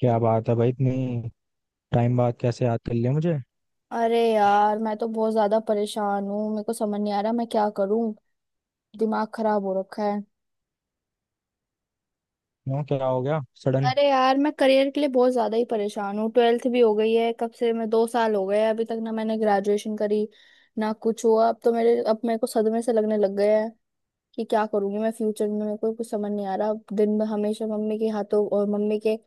क्या बात है भाई, इतनी टाइम बाद कैसे याद कर लिया मुझे। अरे यार, मैं तो बहुत ज्यादा परेशान हूँ। मेरे को समझ नहीं आ रहा मैं क्या करूँ। दिमाग खराब हो रखा है। क्यों, क्या हो गया सडन। अरे यार, मैं करियर के लिए बहुत ज्यादा ही परेशान हूँ। ट्वेल्थ भी हो गई है कब से, मैं 2 साल हो गए हैं, अभी तक ना मैंने ग्रेजुएशन करी ना कुछ हुआ। अब तो मेरे को सदमे से लगने लग गया है कि क्या करूंगी मैं फ्यूचर में। मेरे को कुछ समझ नहीं आ रहा। अब दिन में हमेशा मम्मी के हाथों और मम्मी के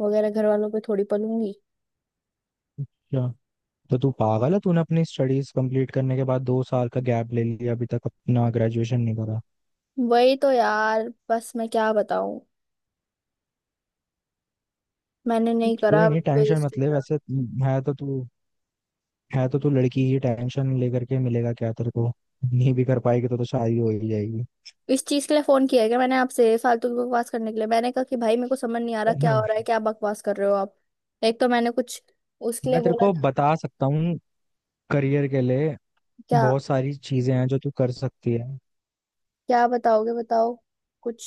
वगैरह घर वालों पे थोड़ी पलूंगी। क्या, तो तू पागल है। तूने अपनी स्टडीज कंप्लीट करने के बाद 2 साल का गैप ले लिया, अभी तक अपना ग्रेजुएशन नहीं करा। वही तो यार, बस मैं क्या बताऊं, मैंने नहीं करा। कोई नहीं, टेंशन मत ले। वैसे है तो तू है तो तू लड़की ही, टेंशन लेकर के मिलेगा क्या तेरे को। नहीं भी कर पाएगी तो शादी हो ही जाएगी। इस चीज के लिए फोन किया है क्या मैंने आपसे, फालतू की बकवास करने के लिए? मैंने कहा कि भाई मेरे को समझ नहीं आ रहा क्या हो रहा है। क्या बकवास कर रहे हो आप? एक तो मैंने कुछ उसके लिए मैं तेरे बोला को था। बता सकता हूँ, करियर के लिए क्या? बहुत सारी चीजें हैं जो तू कर सकती है। क्या बताओगे? बताओ कुछ।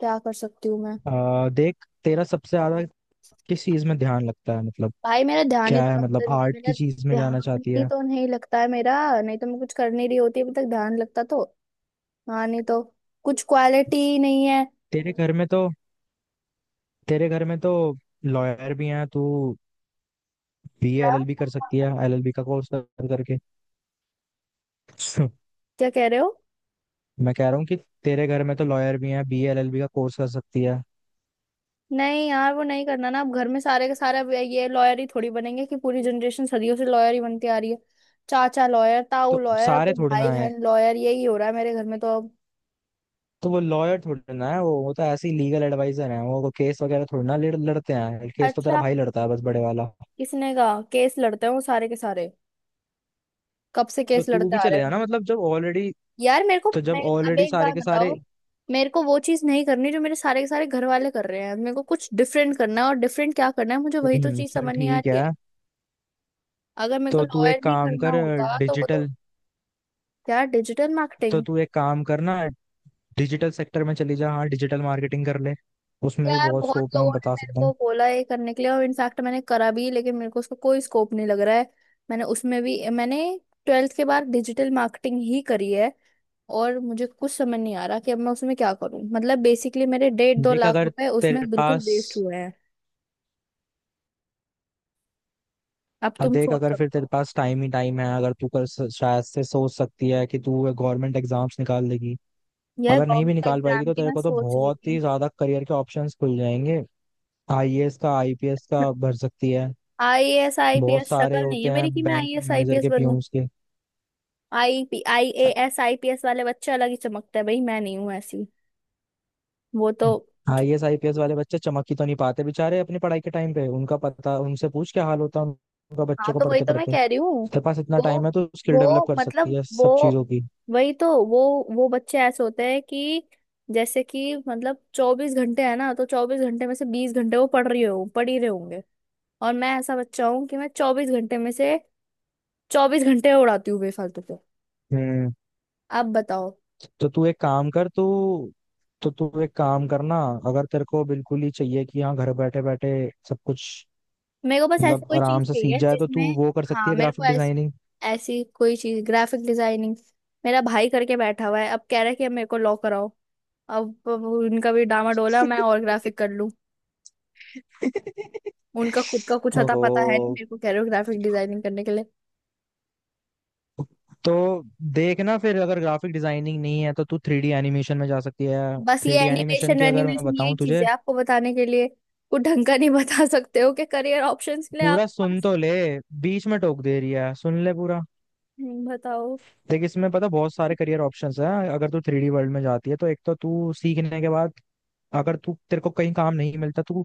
क्या कर सकती हूँ मैं? देख, तेरा सबसे ज्यादा किस चीज में ध्यान लगता है, मतलब भाई क्या है, मतलब आर्ट मेरा की चीज में जाना ध्यान चाहती ही है। तो नहीं लगता है मेरा। नहीं तो मैं कुछ कर नहीं रही होती अभी तक, ध्यान लगता तो। हाँ, नहीं तो कुछ क्वालिटी नहीं है। तेरे घर में तो तेरे घर में तो लॉयर भी हैं। तू बी क्या? एलएलबी कर सकती है, एलएलबी का कोर्स कर करके। क्या कह रहे हो? मैं कह रहा हूँ कि तेरे घर में तो लॉयर भी हैं, बी एलएलबी का कोर्स कर सकती है। नहीं यार, वो नहीं करना ना। अब घर में सारे के सारे अब ये लॉयर ही थोड़ी बनेंगे कि पूरी जनरेशन सदियों से लॉयर ही बनती आ रही है। चाचा लॉयर, ताऊ तो लॉयर, अब सारे वो थोड़े भाई ना है, बहन लॉयर, यही हो रहा है मेरे घर में तो अब। तो वो लॉयर थोड़े ना है। वो तो ऐसे ही लीगल एडवाइजर है, वो केस वगैरह थोड़ी ना लड़ते हैं। केस तो तेरा अच्छा? भाई लड़ता है बस, बड़े वाला। किसने कहा केस लड़ते हैं वो सारे के सारे? कब से तो केस तू लड़ते भी आ रहे चले जाना, हैं? मतलब जब ऑलरेडी, यार मेरे को तो जब मैं अब ऑलरेडी एक सारे बार के सारे। बताओ, मेरे को वो चीज नहीं करनी जो मेरे सारे के सारे घर वाले कर रहे हैं। मेरे को कुछ डिफरेंट करना है। और डिफरेंट क्या करना है, मुझे वही तो चीज चल समझ नहीं आ ठीक रही है। है। अगर मेरे को तो तू लॉयर एक नहीं काम करना कर होता तो वो तो। डिजिटल, क्या? डिजिटल तो मार्केटिंग? तू एक काम करना, डिजिटल सेक्टर में चली जा। हाँ, डिजिटल मार्केटिंग कर ले, उसमें भी यार बहुत बहुत स्कोप है, मैं लोगों ने बता मेरे सकता हूँ। को बोला ये करने के लिए, और इनफैक्ट मैंने करा भी, लेकिन मेरे को उसका कोई स्कोप नहीं लग रहा है। मैंने उसमें भी मैंने ट्वेल्थ के बाद डिजिटल मार्केटिंग ही करी है। और मुझे कुछ समझ नहीं आ रहा कि अब मैं उसमें क्या करूं। मतलब बेसिकली मेरे डेढ़ दो देख लाख अगर रुपए तेरे उसमें बिल्कुल पास वेस्ट हुए हैं। अब हाँ, तुम देख, सोच अगर फिर सकते तेरे हो। पास टाइम ही टाइम है, अगर तू कर, शायद से सोच सकती है कि तू गवर्नमेंट एग्जाम्स निकाल लेगी। यह अगर नहीं भी गवर्नमेंट निकाल पाएगी एग्जाम तो की तेरे मैं को तो सोच रही बहुत ही थी। ज्यादा करियर के ऑप्शंस खुल जाएंगे। आईएएस का, IPS का भर सकती है। आईएएस बहुत आईपीएस शक्ल सारे नहीं होते है हैं, मेरी कि मैं बैंक के आईएएस मैनेजर आईपीएस के, बनूं। पीयूष के। आईपी आईएएस आईपीएस वाले बच्चे अलग ही चमकते हैं भाई। मैं नहीं हूं ऐसी। वो तो। आईएएस IPS वाले बच्चे चमक ही तो नहीं पाते बेचारे, अपनी पढ़ाई के टाइम पे उनका। पता उनसे पूछ क्या हाल होता है उनका, बच्चों हाँ को तो वही पढ़ते तो मैं पढ़ते। कह रही हूँ। तेरे पास इतना टाइम वो है तो स्किल डेवलप वो कर सकती मतलब है वो सब चीजों की। वही तो वो बच्चे ऐसे होते हैं कि जैसे कि मतलब 24 घंटे है ना, तो 24 घंटे में से 20 घंटे वो पढ़ रही हो पढ़ ही रहे होंगे। और मैं ऐसा बच्चा हूँ कि मैं 24 घंटे में से 24 घंटे उड़ाती हूँ बेफालतू के। हम्म। अब बताओ। तो तू एक काम कर तू तो तू एक काम करना, अगर तेरे को बिल्कुल ही चाहिए कि हाँ घर बैठे बैठे सब कुछ, मेरे को बस ऐसी मतलब कोई चीज आराम से सीख चाहिए जाए, तो तू जिसमें। वो कर सकती हाँ, है, मेरे को ग्राफिक डिजाइनिंग। ऐसी कोई चीज, ग्राफिक डिजाइनिंग। मेरा भाई करके बैठा हुआ है, अब कह रहा है कि अब मेरे को लॉ कराओ। अब उनका भी डामाडोला, मैं और ग्राफिक कर लूं। उनका खुद का कुछ अता ओहो, पता है नहीं, मेरे को कह रहे हो ग्राफिक डिजाइनिंग करने के लिए। तो देखना, फिर अगर ग्राफिक डिजाइनिंग नहीं है तो तू 3D एनिमेशन में जा सकती है। बस थ्री ये डी एनिमेशन एनिमेशन की अगर मैं वेनिमेशन यही बताऊं चीज तुझे, है आपको बताने के लिए। कुछ ढंग का नहीं बता सकते हो कि करियर ऑप्शंस के लिए पूरा आपके सुन पास? तो ले। बीच में टोक दे रही है, सुन ले पूरा। बताओ। देख, इसमें पता बहुत सारे करियर ऑप्शंस हैं। अगर तू 3D वर्ल्ड में जाती है तो एक तो तू सीखने के बाद, अगर तू, तेरे को कहीं काम नहीं मिलता तो तू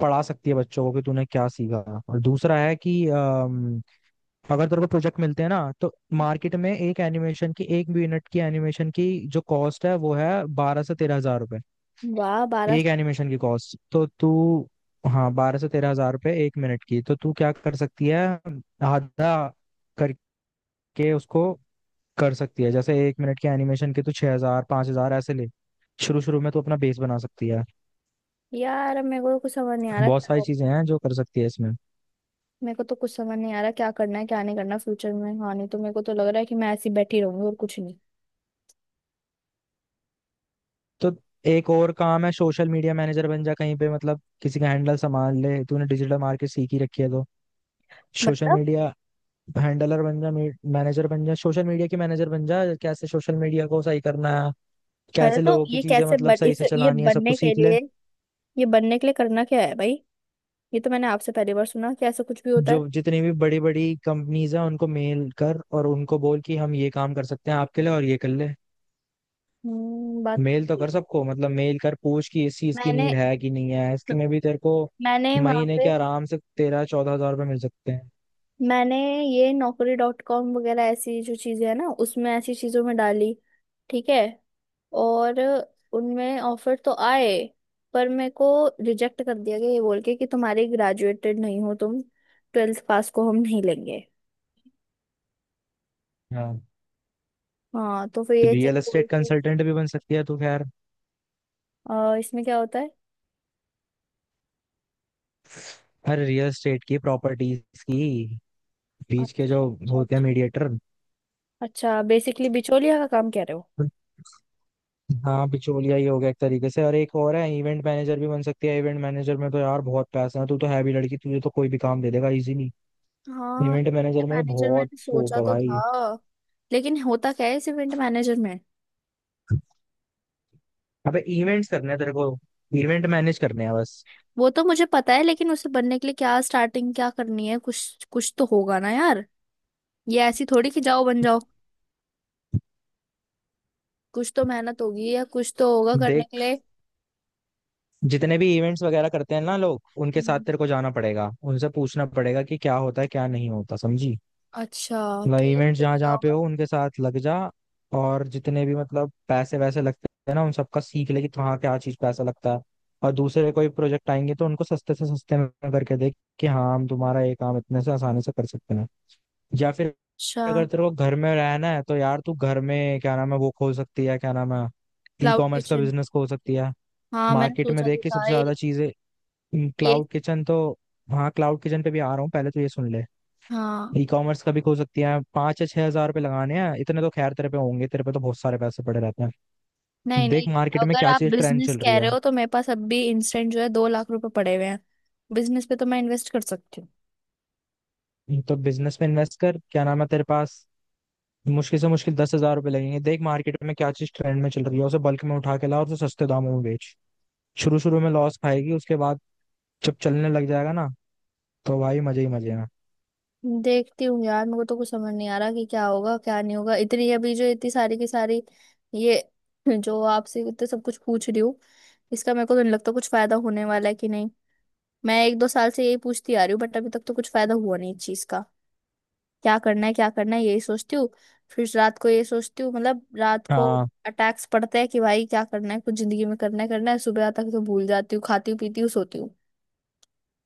पढ़ा सकती है बच्चों को कि तूने क्या सीखा। और दूसरा है कि अगर तेरे को प्रोजेक्ट मिलते हैं ना, तो मार्केट में एक एनिमेशन की, एक यूनिट की एनिमेशन की जो कॉस्ट है, वो है 12 से 13 हजार रुपए। वाह! बारह एक साल एनिमेशन की कॉस्ट, तो तू, हाँ 12 से 13 हजार रुपए एक मिनट की। तो तू क्या कर सकती है, आधा करके उसको कर सकती है। जैसे एक मिनट के एनिमेशन के तो 6 हजार, 5 हजार ऐसे ले। शुरू शुरू में तो अपना बेस बना सकती है। यार मेरे को तो कुछ समझ नहीं आ रहा बहुत क्या सारी हो। चीजें हैं जो कर सकती है इसमें। मेरे को तो कुछ समझ नहीं आ रहा क्या करना है क्या नहीं करना फ्यूचर में। हाँ, नहीं तो मेरे को तो लग रहा है कि मैं ऐसी बैठी रहूंगी और कुछ नहीं। तो एक और काम है, सोशल मीडिया मैनेजर बन जा कहीं पे, मतलब किसी का हैंडल संभाल ले। तूने डिजिटल मार्केट सीख ही रखी है तो सोशल मतलब। मीडिया हैंडलर बन जा, मैनेजर बन जा। सोशल मीडिया की मैनेजर बन जा, कैसे सोशल मीडिया को सही करना है, अरे, कैसे तो लोगों की ये चीजें, कैसे मतलब बन सही इस से चलानी है, सबको सीख ले। ये बनने के लिए करना क्या है भाई? ये तो मैंने आपसे पहली बार सुना कि ऐसा कुछ भी होता है। जो जितनी भी बड़ी बड़ी कंपनीज हैं, उनको मेल कर और उनको बोल कि हम ये काम कर सकते हैं आपके लिए, और ये कर ले। हम्म, बात। मेल तो कर सबको, मतलब मेल कर पूछ कि इस चीज की मैंने नीड है कि नहीं है। इसमें भी तेरे को मैंने वहां महीने के पे आराम से 13-14 हजार रुपये मिल सकते हैं। मैंने ये Naukri.com वगैरह ऐसी जो चीजें है ना, उसमें ऐसी चीजों में डाली। ठीक है। और उनमें ऑफर तो आए, पर मेरे को रिजेक्ट कर दिया गया ये बोल के कि तुम्हारे ग्रेजुएटेड नहीं हो तुम, ट्वेल्थ पास को हम नहीं लेंगे। हाँ, हाँ, तो फिर ये चीज रियल बोल एस्टेट के। कंसल्टेंट भी बन सकती है तो, खैर, इसमें क्या होता है? हर रियल एस्टेट की प्रॉपर्टीज की बीच के जो अच्छा, अच्छा, होते हैं, अच्छा। मीडिएटर। अच्छा, बेसिकली बिचौलिया का काम कह रहे हो? हाँ, बिचौलिया ही हो गया एक तरीके से। और एक और है, इवेंट मैनेजर भी बन सकती है। इवेंट मैनेजर में तो यार बहुत पैसा है। तू तो है भी लड़की, तुझे तो कोई भी काम दे देगा इजीली। हाँ, इवेंट मैनेजर इवेंट में मैनेजर बहुत मैंने स्कोप सोचा है तो भाई। था। लेकिन होता क्या है इस इवेंट मैनेजर में? अबे, इवेंट्स करने हैं तेरे को, इवेंट मैनेज करने हैं बस। वो तो मुझे पता है, लेकिन उसे बनने के लिए क्या स्टार्टिंग क्या करनी है? कुछ कुछ तो होगा ना यार। ये ऐसी थोड़ी कि जाओ बन जाओ। कुछ तो मेहनत होगी, या कुछ तो होगा करने के देख, लिए। जितने भी इवेंट्स वगैरह करते हैं ना लोग, उनके साथ हम्म। तेरे को जाना पड़ेगा, उनसे पूछना पड़ेगा कि क्या होता है क्या नहीं होता, समझी। अच्छा। मतलब फिर इवेंट फिर जहाँ क्या जहाँ पे होगा? हो, उनके साथ लग जा। और जितने भी, मतलब, पैसे वैसे लगते हैं ना, उन सबका सीख ले कि कहाँ क्या चीज पैसा लगता है। और दूसरे कोई प्रोजेक्ट आएंगे तो उनको सस्ते से सस्ते में करके देख कि हाँ हम तुम्हारा ये काम इतने से आसानी से कर सकते हैं। या फिर अच्छा। अगर तेरे को घर में रहना है तो यार, तू घर में, क्या नाम है, वो खोल सकती है, क्या नाम है, ई क्लाउड कॉमर्स का किचन? बिजनेस खोल सकती है। हाँ, मैंने मार्केट में सोचा देख तो के था सबसे ये ज्यादा चीजें, ये क्लाउड किचन तो, हाँ क्लाउड किचन पे भी आ रहा हूँ, पहले तो ये सुन ले। हाँ। ई कॉमर्स का भी खोल सकती है, 5 या 6 हजार रुपये लगाने हैं, इतने तो खैर तेरे पे होंगे, तेरे पे तो बहुत सारे पैसे पड़े रहते हैं। नहीं, नहीं। देख मार्केट में अगर क्या आप चीज ट्रेंड बिजनेस चल रही कह है। रहे हो तो मेरे पास अब भी इंस्टेंट जो है 2 लाख रुपए पड़े हुए हैं। बिजनेस पे तो मैं इन्वेस्ट कर सकती हूँ। तो बिजनेस में इन्वेस्ट कर, क्या नाम है, तेरे पास मुश्किल से मुश्किल 10 हजार रुपये लगेंगे। देख मार्केट में क्या चीज ट्रेंड में चल रही है, उसे बल्क में उठा के ला और उसे सस्ते दामों में बेच। शुरू शुरू में लॉस खाएगी, उसके बाद जब चलने लग जाएगा ना, तो भाई मजे ही मजे हैं। देखती हूँ यार, मेरे को तो कुछ समझ नहीं आ रहा कि क्या होगा क्या नहीं होगा। इतनी, अभी जो इतनी सारी की सारी ये जो आपसे इतना सब कुछ पूछ रही हूँ, इसका मेरे को तो नहीं लगता कुछ फायदा होने वाला है कि नहीं। मैं एक दो साल से यही पूछती आ रही हूँ, बट अभी तक तो कुछ फायदा हुआ नहीं इस चीज का। क्या करना है यही सोचती हूँ। फिर रात को ये सोचती हूँ, मतलब रात को हाँ, अटैक्स पड़ते हैं कि भाई क्या करना है, कुछ जिंदगी में करना है करना है। सुबह तक तो भूल जाती हूँ। खाती हूँ पीती हूँ सोती हूँ।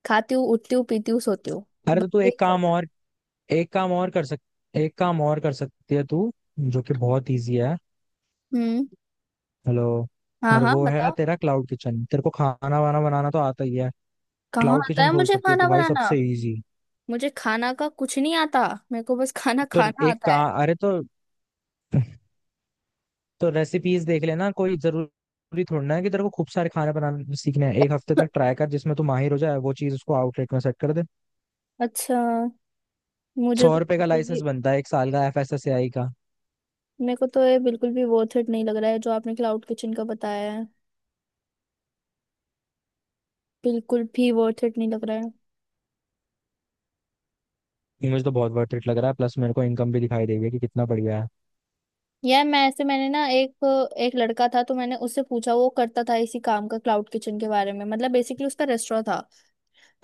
खाती हूँ उठती हूँ पीती हूँ सोती हूँ। अरे, बस तो तू यही एक चल। काम और, एक काम और कर सक एक काम और कर सकती है तू, जो कि बहुत ईजी है। हम्म। हेलो, हाँ, और हाँ, वो है बताओ। तेरा क्लाउड किचन। तेरे को खाना वाना बनाना तो आता ही है, कहाँ क्लाउड आता किचन है खोल मुझे सकती हो तो खाना भाई बनाना? सबसे इजी। मुझे खाना का कुछ नहीं आता। मेरे को बस खाना तो खाना एक आता का है। अरे, तो रेसिपीज देख लेना, कोई जरूरी थोड़ी ना है कि तेरे को खूब सारे खाने बनाने सीखने हैं। एक हफ्ते तक ट्राई कर जिसमें तू माहिर हो जाए, वो चीज उसको आउटलेट में सेट कर दे। अच्छा। मुझे तो 100 रुपए का बिल्कुल भी। लाइसेंस बनता है एक साल का, FSSAI का। मेरे को तो ये बिल्कुल भी वर्थ इट नहीं लग रहा है जो आपने क्लाउड किचन का बताया है। बिल्कुल भी वर्थ इट नहीं लग रहा है। ये, मुझे तो बहुत वर्थ इट लग रहा है, प्लस मेरे को इनकम भी दिखाई देगी कि कितना बढ़िया है। यार, मैंने ना एक एक लड़का था, तो मैंने उससे पूछा, वो करता था इसी काम का, क्लाउड किचन के बारे में। मतलब बेसिकली उसका रेस्टोरेंट था।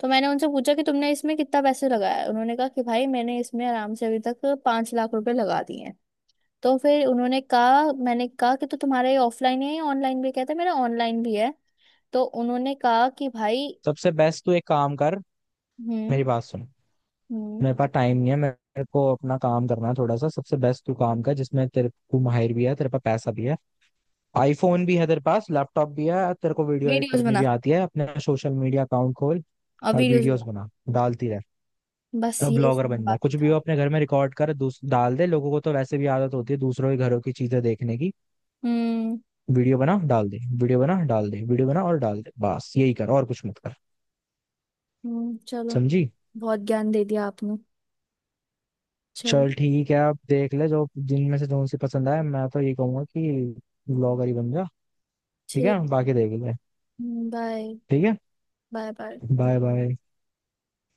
तो मैंने उनसे पूछा कि तुमने इसमें कितना पैसे लगाया है? उन्होंने कहा कि भाई मैंने इसमें आराम से अभी तक 5 लाख रुपए लगा दिए हैं। तो फिर उन्होंने कहा मैंने कहा कि तो तुम्हारा ये ऑफलाइन है या ऑनलाइन? भी कहते मेरा ऑनलाइन भी है। तो उन्होंने कहा कि भाई। सबसे बेस्ट तू एक काम कर, हम्म, मेरी बात सुन, हम्म। मेरे पास टाइम नहीं है, मेरे को अपना काम करना है थोड़ा सा। सबसे बेस्ट तू काम कर जिसमें तेरे को माहिर भी है, तेरे पास पैसा भी है, आईफोन भी है, तेरे पास लैपटॉप भी है, तेरे को वीडियो एडिट वीडियोस करनी बना, भी आती है। अपने सोशल मीडिया अकाउंट खोल और और वीडियोस वीडियोस बना। बना, डालती रह। बस तब ये ब्लॉगर सुनना बन जा, बाकी कुछ भी हो, था। अपने घर में रिकॉर्ड कर डाल दे। लोगों को तो वैसे भी आदत होती है दूसरों के घरों की चीजें देखने की। हम्म, वीडियो बना डाल दे, वीडियो बना डाल दे, वीडियो बना और डाल दे, बस यही कर और कुछ मत कर, हम्म, चलो। समझी। बहुत ज्ञान दे दिया आपने। चलो। चल ठीक है, आप देख ले जो जिनमें से जो सी पसंद आए। मैं तो ये कहूंगा कि ब्लॉगर ही बन जा, ठीक है ठीक। बाकी देख ले। बाय, ठीक है, बाय, बाय। Bye bye.